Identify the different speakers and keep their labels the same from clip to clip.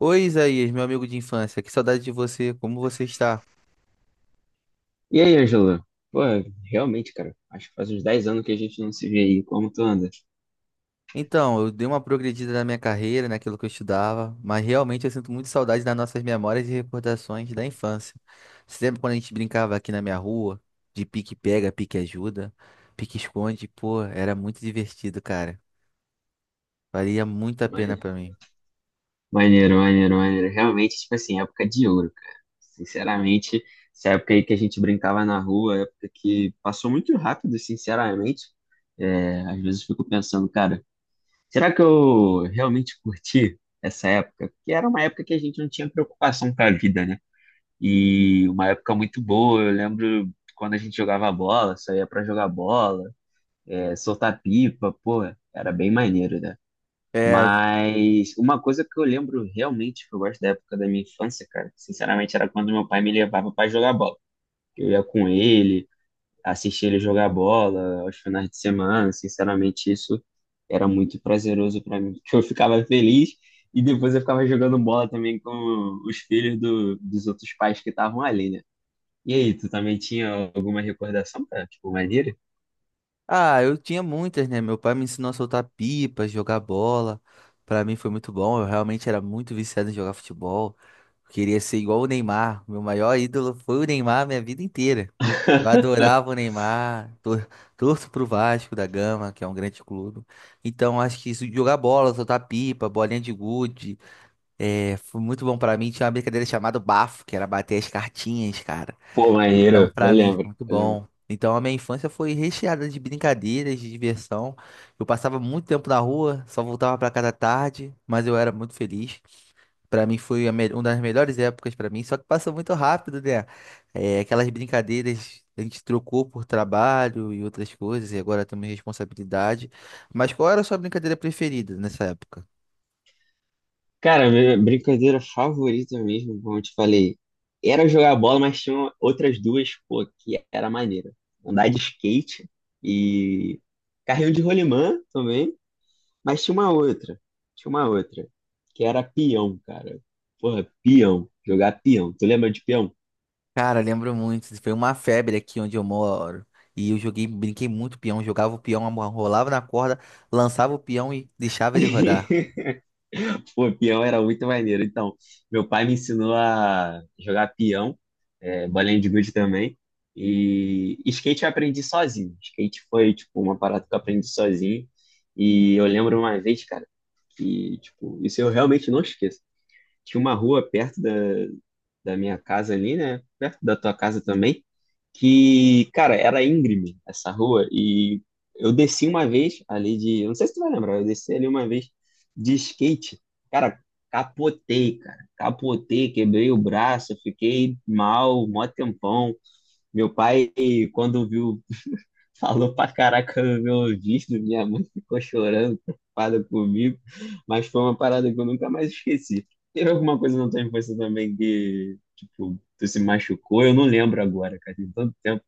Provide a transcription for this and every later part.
Speaker 1: Oi, Isaías, meu amigo de infância, que saudade de você, como você está?
Speaker 2: E aí, Angela? Pô, realmente, cara, acho que faz uns 10 anos que a gente não se vê aí. Como tu anda?
Speaker 1: Então, eu dei uma progredida na minha carreira, naquilo que eu estudava, mas realmente eu sinto muito saudade das nossas memórias e recordações da infância. Você lembra quando a gente brincava aqui na minha rua, de pique-pega, pique-ajuda, pique-esconde? Pô, era muito divertido, cara. Valia muito a pena
Speaker 2: Mane-
Speaker 1: pra mim.
Speaker 2: Maneiro, maneiro, maneiro. Realmente, tipo assim, época de ouro, cara. Sinceramente, essa época aí que a gente brincava na rua, época que passou muito rápido, sinceramente. É, às vezes fico pensando, cara, será que eu realmente curti essa época? Porque era uma época que a gente não tinha preocupação com a vida, né? E uma época muito boa. Eu lembro quando a gente jogava bola, saía pra jogar bola. É, soltar pipa, pô, era bem maneiro, né?
Speaker 1: É.
Speaker 2: Mas uma coisa que eu lembro realmente que eu gosto da época da minha infância, cara, sinceramente, era quando meu pai me levava pra jogar bola. Eu ia com ele, assistia ele jogar bola aos finais de semana, sinceramente, isso era muito prazeroso pra mim, porque eu ficava feliz e depois eu ficava jogando bola também com os filhos dos outros pais que estavam ali, né? E aí, tu também tinha alguma recordação, cara? Tipo, maneiro?
Speaker 1: Ah, eu tinha muitas, né? Meu pai me ensinou a soltar pipa, jogar bola. Pra mim foi muito bom. Eu realmente era muito viciado em jogar futebol. Eu queria ser igual o Neymar. Meu maior ídolo foi o Neymar minha vida inteira. Eu adorava o Neymar. Torço pro Vasco da Gama, que é um grande clube. Então acho que isso, jogar bola, soltar pipa, bolinha de gude, foi muito bom pra mim. Tinha uma brincadeira chamada bafo, que era bater as cartinhas, cara.
Speaker 2: Pô,
Speaker 1: Então,
Speaker 2: maneiro, eu
Speaker 1: pra mim,
Speaker 2: lembro.
Speaker 1: foi muito
Speaker 2: eu lembro
Speaker 1: bom. Então, a minha infância foi recheada de brincadeiras, de diversão. Eu passava muito tempo na rua, só voltava pra casa tarde, mas eu era muito feliz. Pra mim foi a uma das melhores épocas pra mim, só que passou muito rápido, né? É, aquelas brincadeiras a gente trocou por trabalho e outras coisas, e agora temos responsabilidade. Mas qual era a sua brincadeira preferida nessa época?
Speaker 2: Cara, minha brincadeira favorita mesmo, como eu te falei, era jogar bola, mas tinha outras duas, pô, que era maneira. Andar de skate e carrinho de rolimã também, mas tinha uma outra, que era peão, cara. Porra, peão, jogar peão. Tu lembra de peão?
Speaker 1: Cara, lembro muito. Foi uma febre aqui onde eu moro. E eu joguei, brinquei muito peão, jogava o peão, rolava na corda, lançava o peão e deixava ele rodar.
Speaker 2: Pô, peão era muito maneiro. Então, meu pai me ensinou a jogar peão, é, bolinha de gude também. E skate eu aprendi sozinho. Skate foi, tipo, uma parada que eu aprendi sozinho. E eu lembro uma vez, cara, que, tipo, isso eu realmente não esqueço. Tinha uma rua perto da minha casa ali, né? Perto da tua casa também. Que, cara, era íngreme essa rua. E eu desci uma vez ali de. Eu não sei se tu vai lembrar, eu desci ali uma vez de skate. Cara, cara. Capotei, quebrei o braço, fiquei mal, mó tempão. Meu pai, quando viu, falou pra caraca no meu ouvido, minha mãe ficou chorando, preocupada comigo, mas foi uma parada que eu nunca mais esqueci. Teve alguma coisa na tua infância também que, tipo, tu se machucou? Eu não lembro agora, cara, tem tanto tempo.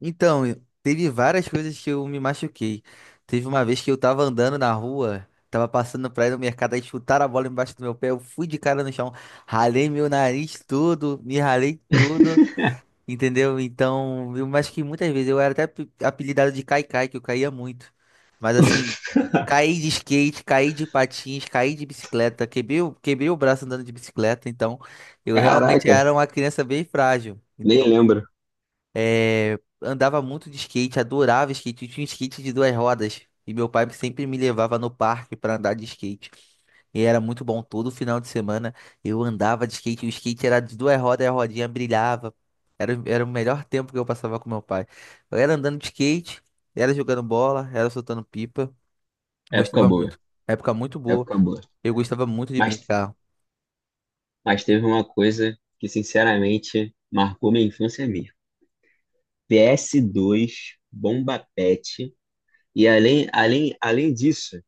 Speaker 1: Então, teve várias coisas que eu me machuquei. Teve uma vez que eu tava andando na rua, tava passando pra ir no mercado, aí chutaram a bola embaixo do meu pé, eu fui de cara no chão, ralei meu nariz todo, me ralei todo. Entendeu? Então, eu acho que muitas vezes eu era até apelidado de caicai que eu caía muito. Mas assim, caí de skate, caí de patins, caí de bicicleta, quebrei, quebrei o braço andando de bicicleta. Então, eu realmente
Speaker 2: Caraca,
Speaker 1: era uma criança bem frágil.
Speaker 2: nem
Speaker 1: Então,
Speaker 2: lembro.
Speaker 1: andava muito de skate, adorava skate. Eu tinha um skate de duas rodas. E meu pai sempre me levava no parque para andar de skate. E era muito bom. Todo final de semana eu andava de skate. O skate era de duas rodas e a rodinha brilhava. Era o melhor tempo que eu passava com meu pai. Eu era andando de skate, era jogando bola, era soltando pipa. Eu
Speaker 2: Época
Speaker 1: gostava
Speaker 2: boa,
Speaker 1: muito. Época muito boa.
Speaker 2: época boa.
Speaker 1: Eu gostava muito de
Speaker 2: Mas,
Speaker 1: brincar.
Speaker 2: mas teve uma coisa que, sinceramente, marcou minha infância mesmo. PS2, Bomba Pet, e além disso.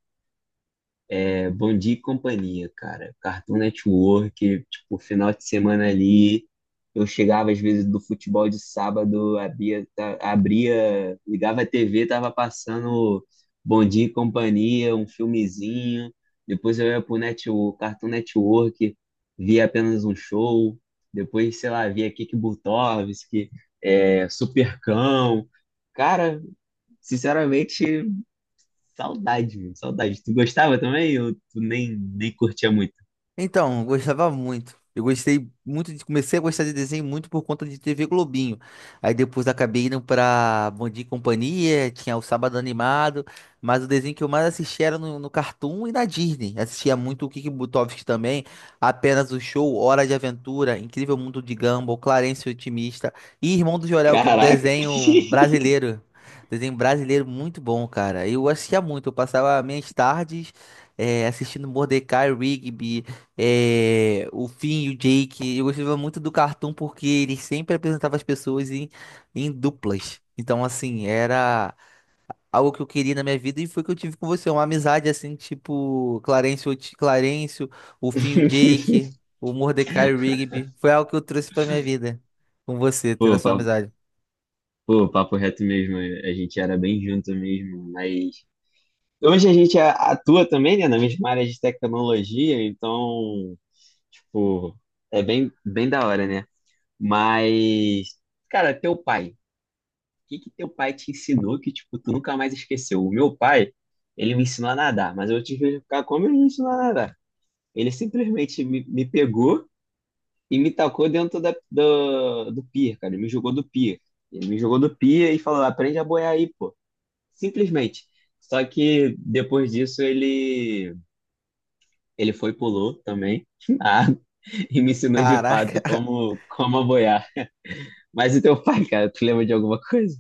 Speaker 2: É, Bom Dia e Companhia, cara. Cartoon Network, tipo, final de semana ali. Eu chegava às vezes do futebol de sábado, abria, ligava a TV, tava passando Bom Dia e Companhia, um filmezinho. Depois eu ia pro net, o Cartoon Network, via apenas um show. Depois, sei lá, via Kiki Butovski, é, Supercão. Cara, sinceramente. Saudade, meu, saudade. Tu gostava também ou tu nem curtia muito?
Speaker 1: Então, eu gostava muito. Eu gostei muito de. Comecei a gostar de desenho muito por conta de TV Globinho. Aí depois acabei indo pra Bom Dia e Companhia, tinha o Sábado Animado, mas o desenho que eu mais assistia era no Cartoon e na Disney. Assistia muito o Kiki Butovski também, Apenas o Show, Hora de Aventura, Incrível Mundo de Gumball, Clarence o Otimista e Irmão do Jorel, que é um
Speaker 2: Caraca.
Speaker 1: desenho brasileiro. Desenho brasileiro muito bom, cara. Eu assistia muito, eu passava minhas tardes assistindo Mordecai, Rigby. É, o Finn e o Jake, eu gostava muito do cartoon porque ele sempre apresentava as pessoas em duplas. Então, assim, era algo que eu queria na minha vida e foi o que eu tive com você. Uma amizade, assim, tipo Clarence, o Finn e o Jake, o Mordecai e o Rigby. Foi algo que eu trouxe pra minha vida com você, tendo a
Speaker 2: Pô,
Speaker 1: sua
Speaker 2: papo,
Speaker 1: amizade.
Speaker 2: pô, papo reto mesmo, a gente era bem junto mesmo, mas hoje a gente atua também, né, na mesma área de tecnologia, então, tipo, é bem, bem da hora, né? Mas, cara, teu pai, o que que teu pai te ensinou que, tipo, tu nunca mais esqueceu? O meu pai, ele me ensinou a nadar, mas eu tive que ficar como ele me ensinou a nadar. Ele simplesmente me pegou e me tacou dentro do pier, cara. Ele me jogou do pier. Ele me jogou do pier e falou: aprende a boiar aí, pô. Simplesmente. Só que depois disso ele foi e pulou também na água e me ensinou de fato
Speaker 1: Caraca.
Speaker 2: como a boiar. Mas e teu pai, cara, tu lembra de alguma coisa?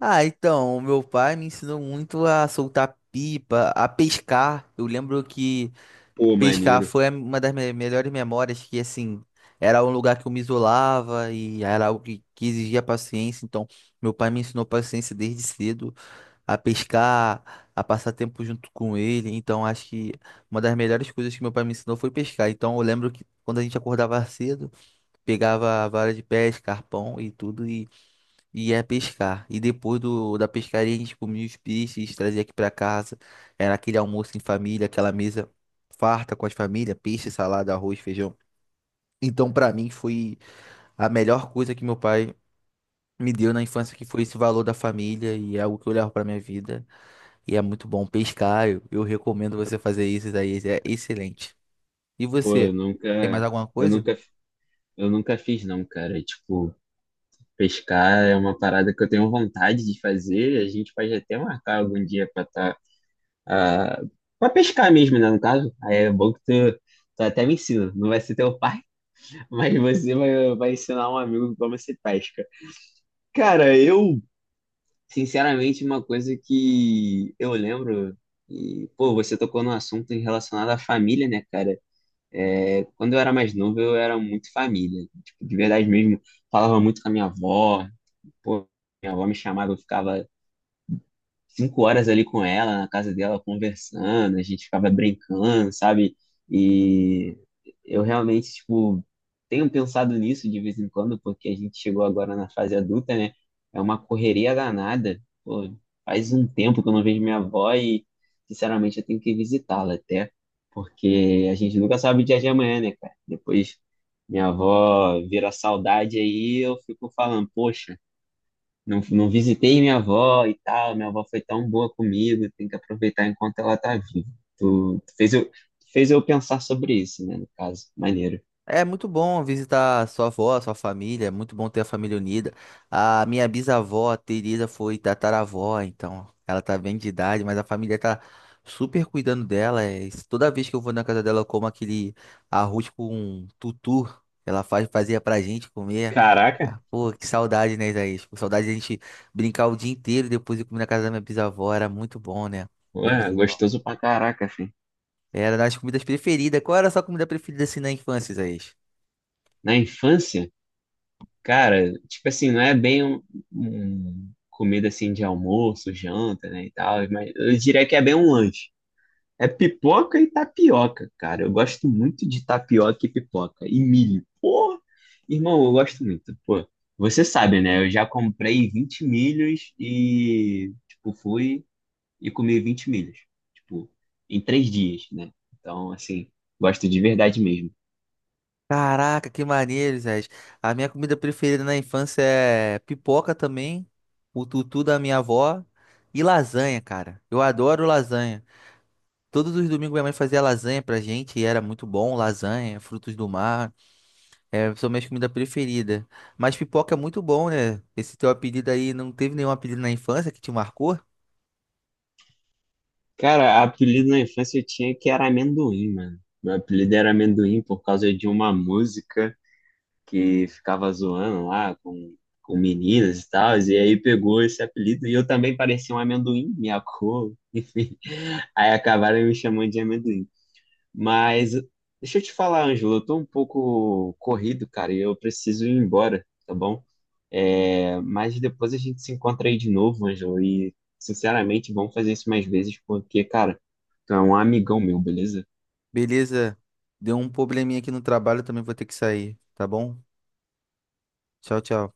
Speaker 1: Ah, então, o meu pai me ensinou muito a soltar pipa, a pescar. Eu lembro que.
Speaker 2: Pô,
Speaker 1: Pescar
Speaker 2: maneiro.
Speaker 1: foi uma das melhores memórias que, assim, era um lugar que eu me isolava e era algo que exigia paciência. Então, meu pai me ensinou paciência desde cedo, a pescar, a passar tempo junto com ele. Então, acho que uma das melhores coisas que meu pai me ensinou foi pescar. Então, eu lembro que quando a gente acordava cedo, pegava a vara de pesca, arpão e tudo, e ia pescar. E depois da pescaria a gente comia os peixes, trazia aqui pra casa. Era aquele almoço em família, aquela mesa farta com as famílias, peixe, salada, arroz, feijão. Então pra mim foi a melhor coisa que meu pai me deu na infância, que foi esse valor da família e é algo que eu levo pra minha vida. E é muito bom pescar, eu recomendo você fazer isso, daí é excelente. E
Speaker 2: Pô,
Speaker 1: você, tem mais alguma
Speaker 2: eu
Speaker 1: coisa?
Speaker 2: nunca eu nunca fiz não, cara. Tipo, pescar é uma parada que eu tenho vontade de fazer, a gente pode até marcar algum dia para estar ah, pra pescar mesmo, né? No caso, aí é bom que tu até me ensina. Não vai ser teu pai, mas você vai ensinar um amigo como se pesca. Cara, eu, sinceramente, uma coisa que eu lembro, e, pô, você tocou no assunto em relacionado à família, né, cara? É, quando eu era mais novo, eu era muito família. Tipo, de verdade mesmo, falava muito com a minha avó. Pô, minha avó me chamava, eu ficava 5 horas ali com ela, na casa dela, conversando, a gente ficava brincando, sabe? E eu realmente, tipo, tenho pensado nisso de vez em quando, porque a gente chegou agora na fase adulta, né? É uma correria danada. Pô, faz um tempo que eu não vejo minha avó e, sinceramente, eu tenho que visitá-la até, porque a gente nunca sabe o dia de amanhã, né, cara? Depois minha avó vira saudade aí, eu fico falando, poxa. Não, não visitei minha avó e tal. Minha avó foi tão boa comigo, tem que aproveitar enquanto ela tá viva. Tu fez eu pensar sobre isso, né? No caso, maneiro.
Speaker 1: É muito bom visitar sua avó, sua família, é muito bom ter a família unida. A minha bisavó, a Teresa, foi tataravó, então ela tá bem de idade, mas a família tá super cuidando dela. É isso. Toda vez que eu vou na casa dela, eu como aquele arroz com tutu, fazia pra gente comer.
Speaker 2: Caraca,
Speaker 1: Ah, pô, que saudade, né, Isaías? Pô, saudade de a gente brincar o dia inteiro e depois ir comer na casa da minha bisavó, era muito bom, né? Minha
Speaker 2: ué,
Speaker 1: bisavó.
Speaker 2: gostoso pra caraca, filho.
Speaker 1: Era das comidas preferidas. Qual era a sua comida preferida assim na infância, Isaías?
Speaker 2: Na infância, cara, tipo assim, não é bem um comida assim de almoço, janta, né, e tal, mas eu diria que é bem um lanche. É pipoca e tapioca, cara. Eu gosto muito de tapioca e pipoca. E milho. Pô, irmão, eu gosto muito. Pô, você sabe, né? Eu já comprei 20 milhos e, tipo, fui e comi 20 milhos. Tipo, em 3 dias, né? Então, assim, gosto de verdade mesmo.
Speaker 1: Caraca, que maneiro, Zé. A minha comida preferida na infância é pipoca também, o tutu da minha avó e lasanha, cara. Eu adoro lasanha. Todos os domingos minha mãe fazia lasanha pra gente e era muito bom, lasanha, frutos do mar, são minhas comidas preferidas. Mas pipoca é muito bom, né? Esse teu apelido aí, não teve nenhum apelido na infância que te marcou?
Speaker 2: Cara, apelido na infância eu tinha que era amendoim, mano. Meu apelido era amendoim por causa de uma música que ficava zoando lá com meninas e tal, e aí pegou esse apelido, e eu também parecia um amendoim, minha cor, enfim. Aí acabaram me chamando de amendoim. Mas deixa eu te falar, Ângelo, eu tô um pouco corrido, cara, e eu preciso ir embora, tá bom? É, mas depois a gente se encontra aí de novo, Ângelo, e sinceramente vamos fazer isso mais vezes, porque, cara, tu é um amigão meu, beleza?
Speaker 1: Beleza, deu um probleminha aqui no trabalho, também vou ter que sair, tá bom? Tchau, tchau.